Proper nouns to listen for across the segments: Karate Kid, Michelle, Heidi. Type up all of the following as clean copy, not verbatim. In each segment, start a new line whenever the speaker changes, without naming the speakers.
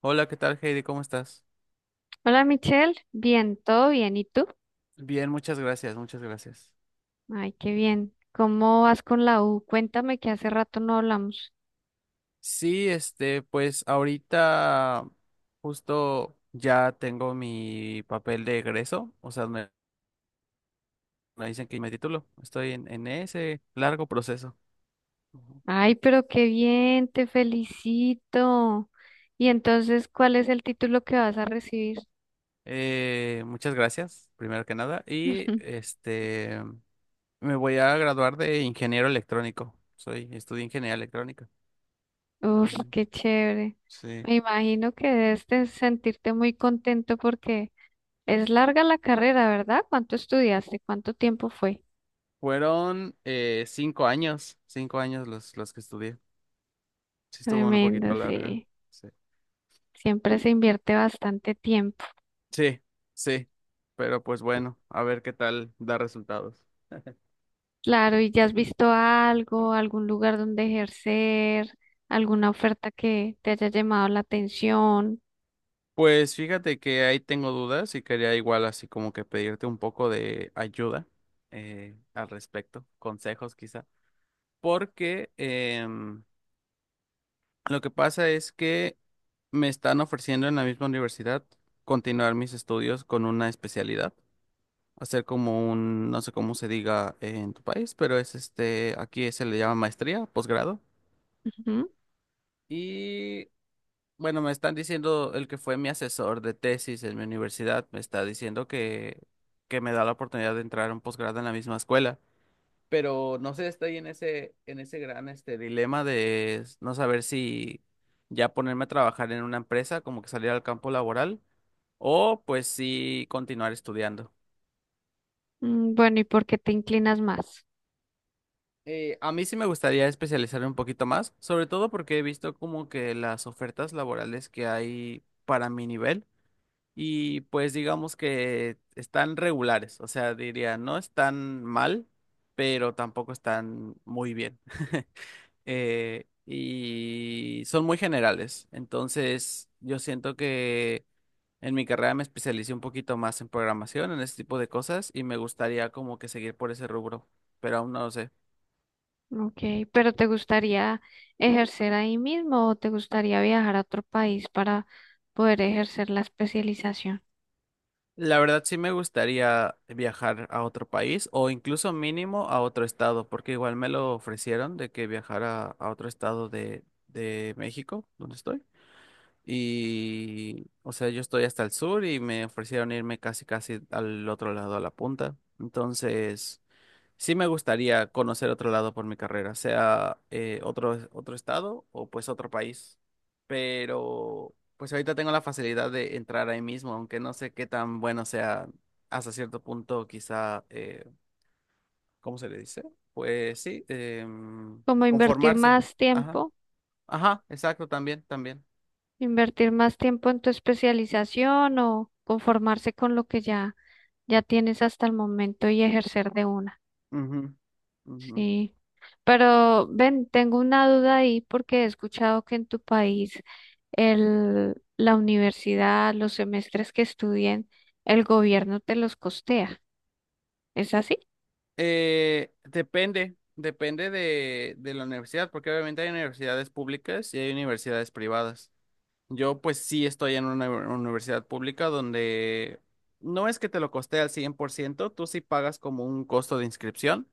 Hola, ¿qué tal, Heidi? ¿Cómo estás?
Hola Michelle, bien, todo bien, ¿y tú?
Bien, muchas gracias, muchas gracias.
Ay, qué bien. ¿Cómo vas con la U? Cuéntame que hace rato no hablamos.
Sí, este, pues ahorita justo ya tengo mi papel de egreso, o sea, me dicen que me titulo. Estoy en ese largo proceso. Ujú.
Ay, pero qué bien, te felicito. Y entonces, ¿cuál es el título que vas a recibir?
Muchas gracias, primero que nada. Y este, me voy a graduar de ingeniero electrónico. Soy, estudié ingeniería electrónica.
Uf,
Ujú.
qué chévere.
Sí.
Me imagino que debes de sentirte muy contento porque es larga la carrera, ¿verdad? ¿Cuánto estudiaste? ¿Cuánto tiempo fue?
Fueron 5 años, 5 años los que estudié. Sí, estuvo un poquito
Tremendo,
larga.
sí.
Sí.
Siempre se invierte bastante tiempo.
Sí, sí. Pero pues bueno, a ver qué tal da resultados.
Claro, ¿y ya has visto algo, algún lugar donde ejercer, alguna oferta que te haya llamado la atención?
Pues fíjate que ahí tengo dudas y quería igual así como que pedirte un poco de ayuda al respecto, consejos quizá, porque lo que pasa es que me están ofreciendo en la misma universidad continuar mis estudios con una especialidad, hacer como un, no sé cómo se diga en tu país, pero es este, aquí se le llama maestría, posgrado.
Ujú.
Y bueno, me están diciendo el que fue mi asesor de tesis en mi universidad, me está diciendo que me da la oportunidad de entrar a un posgrado en la misma escuela. Pero no sé, estoy en ese gran este dilema de no saber si ya ponerme a trabajar en una empresa, como que salir al campo laboral, o pues sí continuar estudiando.
Mm, bueno, ¿y por qué te inclinas más?
A mí sí me gustaría especializarme un poquito más, sobre todo porque he visto como que las ofertas laborales que hay para mi nivel. Y pues digamos que están regulares, o sea, diría, no están mal, pero tampoco están muy bien. Y son muy generales, entonces yo siento que en mi carrera me especialicé un poquito más en programación, en ese tipo de cosas, y me gustaría como que seguir por ese rubro, pero aún no lo sé.
Ok, pero ¿te gustaría ejercer ahí mismo o te gustaría viajar a otro país para poder ejercer la especialización?
La verdad sí me gustaría viajar a otro país o incluso mínimo a otro estado, porque igual me lo ofrecieron de que viajara a otro estado de México, donde estoy. Y, o sea, yo estoy hasta el sur y me ofrecieron irme casi casi al otro lado, a la punta. Entonces sí me gustaría conocer otro lado por mi carrera, sea otro, otro estado o pues otro país. Pero pues ahorita tengo la facilidad de entrar ahí mismo, aunque no sé qué tan bueno sea hasta cierto punto, quizá, ¿cómo se le dice? Pues sí,
¿Como invertir
conformarse.
más
Ajá,
tiempo?
ajá, exacto, también, también.
¿Invertir más tiempo en tu especialización o conformarse con lo que ya tienes hasta el momento y ejercer de una?
Ujú, ujú.
Sí, pero ven, tengo una duda ahí porque he escuchado que en tu país la universidad, los semestres que estudien, el gobierno te los costea. ¿Es así?
Depende, de la universidad, porque obviamente hay universidades públicas y hay universidades privadas. Yo pues sí estoy en una universidad pública donde no es que te lo coste al 100%, tú sí pagas como un costo de inscripción,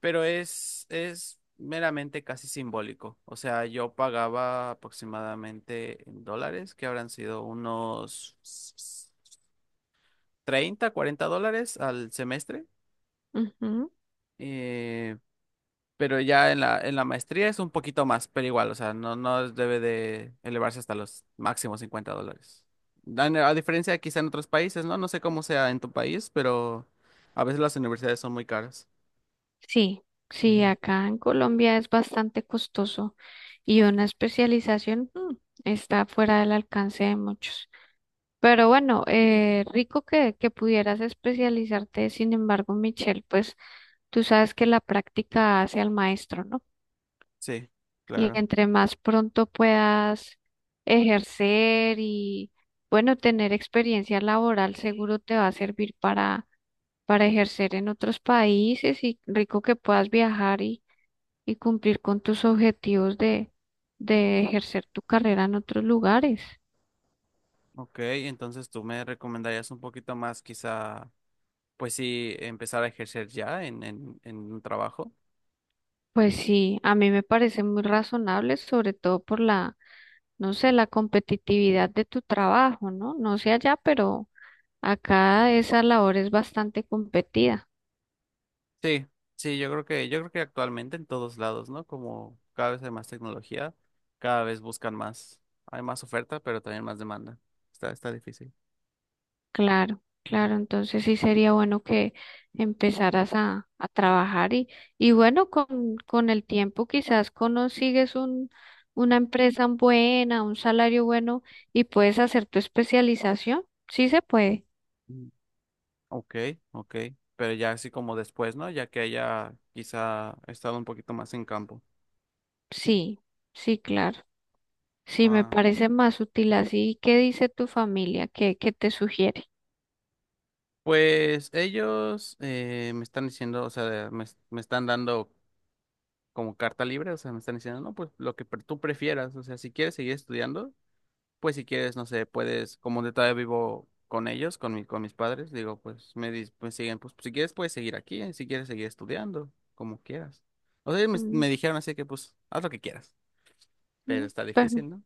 pero es meramente casi simbólico. O sea, yo pagaba aproximadamente en dólares, que habrán sido unos 30, 40 dólares al semestre.
Ujú.
Eh, Pero ya en la maestría es un poquito más, pero igual, o sea, no debe de elevarse hasta los máximos 50 dólares. A diferencia quizá en otros países, ¿no? No sé cómo sea en tu país, pero a veces las universidades son muy caras.
Sí, sí,
Ujú.
acá en Colombia es bastante costoso y una especialización, está fuera del alcance de muchos. Pero bueno, rico que pudieras especializarte, sin embargo, Michelle, pues tú sabes que la práctica hace al maestro, ¿no?
Sí,
Y
claro.
entre más pronto puedas ejercer y, bueno, tener experiencia laboral seguro te va a servir para ejercer en otros países y rico que puedas viajar y cumplir con tus objetivos de ejercer tu carrera en otros lugares.
Ok, entonces tú me recomendarías un poquito más quizá, pues sí, empezar a ejercer ya en, en un trabajo.
Pues sí, a mí me parece muy razonable, sobre todo por la, no sé, la competitividad de tu trabajo, ¿no? No sé allá, pero acá esa labor es bastante competida.
Sí, sí, yo creo que actualmente en todos lados, ¿no? Como cada vez hay más tecnología, cada vez buscan más, hay más oferta, pero también más demanda. Está difícil.
Claro, claro,
Ujú.
entonces sí sería bueno que empezaras a trabajar y bueno, con el tiempo quizás consigues un, una empresa buena, un salario bueno y puedes hacer tu especialización. Sí se puede,
Mm. Ok, ok. Pero ya así como después, ¿no? Ya que haya quizá estado un poquito más en campo.
sí, sí, claro. Sí, me
Ah,
parece más útil así. ¿Qué dice tu familia? ¿Qué, qué te sugiere?
pues ellos me están diciendo, o sea, me están dando como carta libre, o sea, me están diciendo, no, pues lo que tú prefieras, o sea, si quieres seguir estudiando. Pues si quieres, no sé, puedes, como de todavía vivo con ellos, con con mis padres, digo, pues me pues, siguen, pues si quieres puedes seguir aquí, si quieres seguir estudiando, como quieras. O sea, ellos
Mm,
me dijeron así que pues haz lo que quieras, pero
mm,
está
bueno.
difícil, ¿no?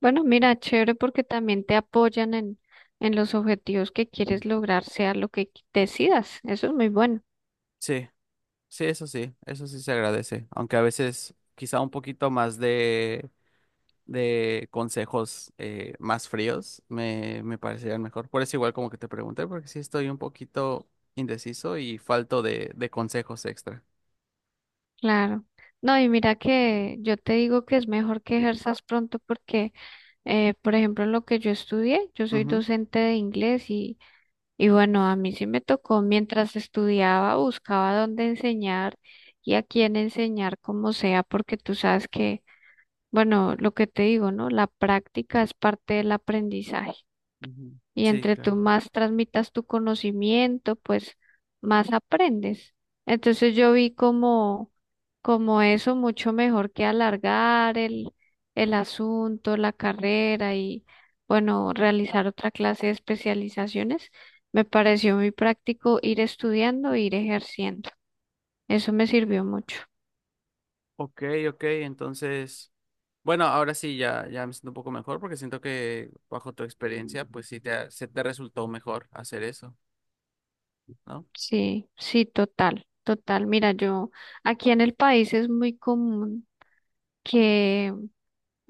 Bueno, mira, chévere porque también te apoyan en los objetivos que quieres lograr, sea lo que qui- decidas. Eso es muy bueno,
Sí, sí, eso sí, eso sí se agradece, aunque a veces quizá un poquito más de consejos más fríos me parecerían mejor. Por eso igual como que te pregunté, porque sí estoy un poquito indeciso y falto de consejos extra.
claro. No, y mira que yo te digo que es mejor que ejerzas pronto porque, por ejemplo, lo que yo estudié, yo soy docente de inglés y bueno, a mí sí me tocó mientras estudiaba, buscaba dónde enseñar y a quién enseñar, como sea, porque tú sabes que, bueno, lo que te digo, ¿no? La práctica es parte del aprendizaje.
Ujú.
Y
Sí,
entre
claro.
tú más transmitas tu conocimiento, pues más aprendes. Entonces yo vi como, como eso mucho mejor que alargar el asunto, la carrera y, bueno, realizar otra clase de especializaciones. Me pareció muy práctico ir estudiando e ir ejerciendo. Eso me sirvió mucho.
Ok, ok, entonces, bueno, ahora sí ya me siento un poco mejor porque siento que bajo tu experiencia, pues sí te, se te resultó mejor hacer eso, ¿no?
Sí, sí, total, total. Mira, yo aquí en el país es muy común que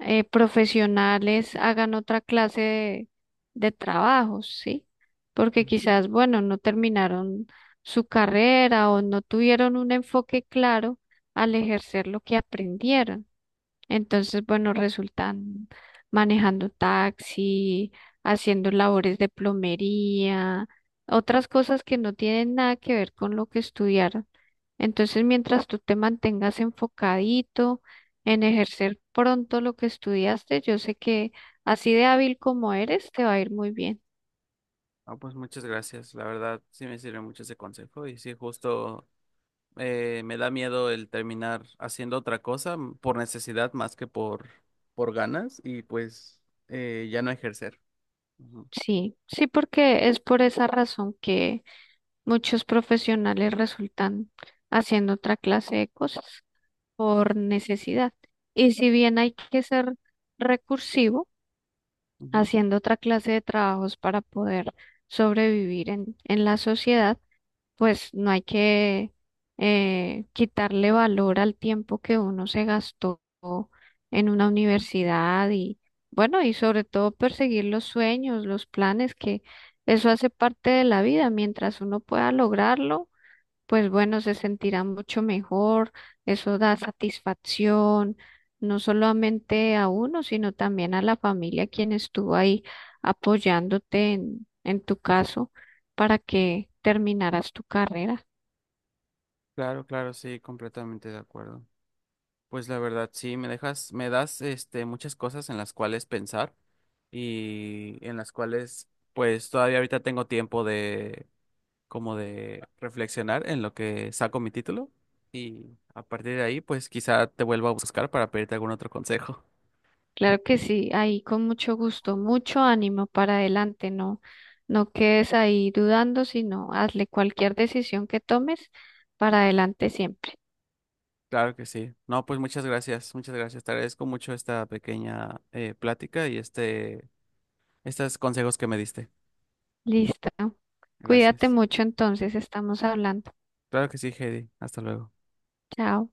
profesionales hagan otra clase de trabajos, ¿sí? Porque quizás, bueno, no terminaron su carrera o no tuvieron un enfoque claro al ejercer lo que aprendieron. Entonces, bueno, resultan manejando taxi, haciendo labores de plomería, otras cosas que no tienen nada que ver con lo que estudiaron. Entonces, mientras tú te mantengas enfocadito en ejercer pronto lo que estudiaste, yo sé que así de hábil como eres, te va a ir muy bien.
Ah, pues muchas gracias, la verdad sí me sirve mucho ese consejo y sí, justo me da miedo el terminar haciendo otra cosa por necesidad más que por ganas y pues ya no ejercer. Ujú,
Sí, sí, porque es por esa razón que muchos profesionales resultan haciendo otra clase de cosas por necesidad. Y si bien hay que ser recursivo,
ujú.
haciendo otra clase de trabajos para poder sobrevivir en la sociedad, pues no hay que quitarle valor al tiempo que uno se gastó en una universidad y bueno, y sobre todo perseguir los sueños, los planes, que eso hace parte de la vida. Mientras uno pueda lograrlo pues bueno, se sentirá mucho mejor, eso da satisfacción, no solamente a uno, sino también a la familia quien estuvo ahí apoyándote en tu caso para que terminaras tu carrera.
Claro, claro, sí, completamente de acuerdo. Pues la verdad, sí, me dejas, me das este muchas cosas en las cuales pensar y en las cuales pues todavía ahorita tengo tiempo de como de reflexionar en lo que saco mi título y a partir de ahí pues quizá te vuelva a buscar para pedirte algún otro consejo.
Claro que sí, ahí con mucho gusto, mucho ánimo para adelante, no, no quedes ahí dudando, sino hazle cualquier decisión que tomes para adelante siempre.
Claro que sí. No, pues muchas gracias, muchas gracias. Te agradezco mucho esta pequeña plática y este estos consejos que me diste.
Listo. Cuídate
Gracias.
mucho entonces, estamos hablando.
Claro que sí, Heidi. Hasta luego.
Chao.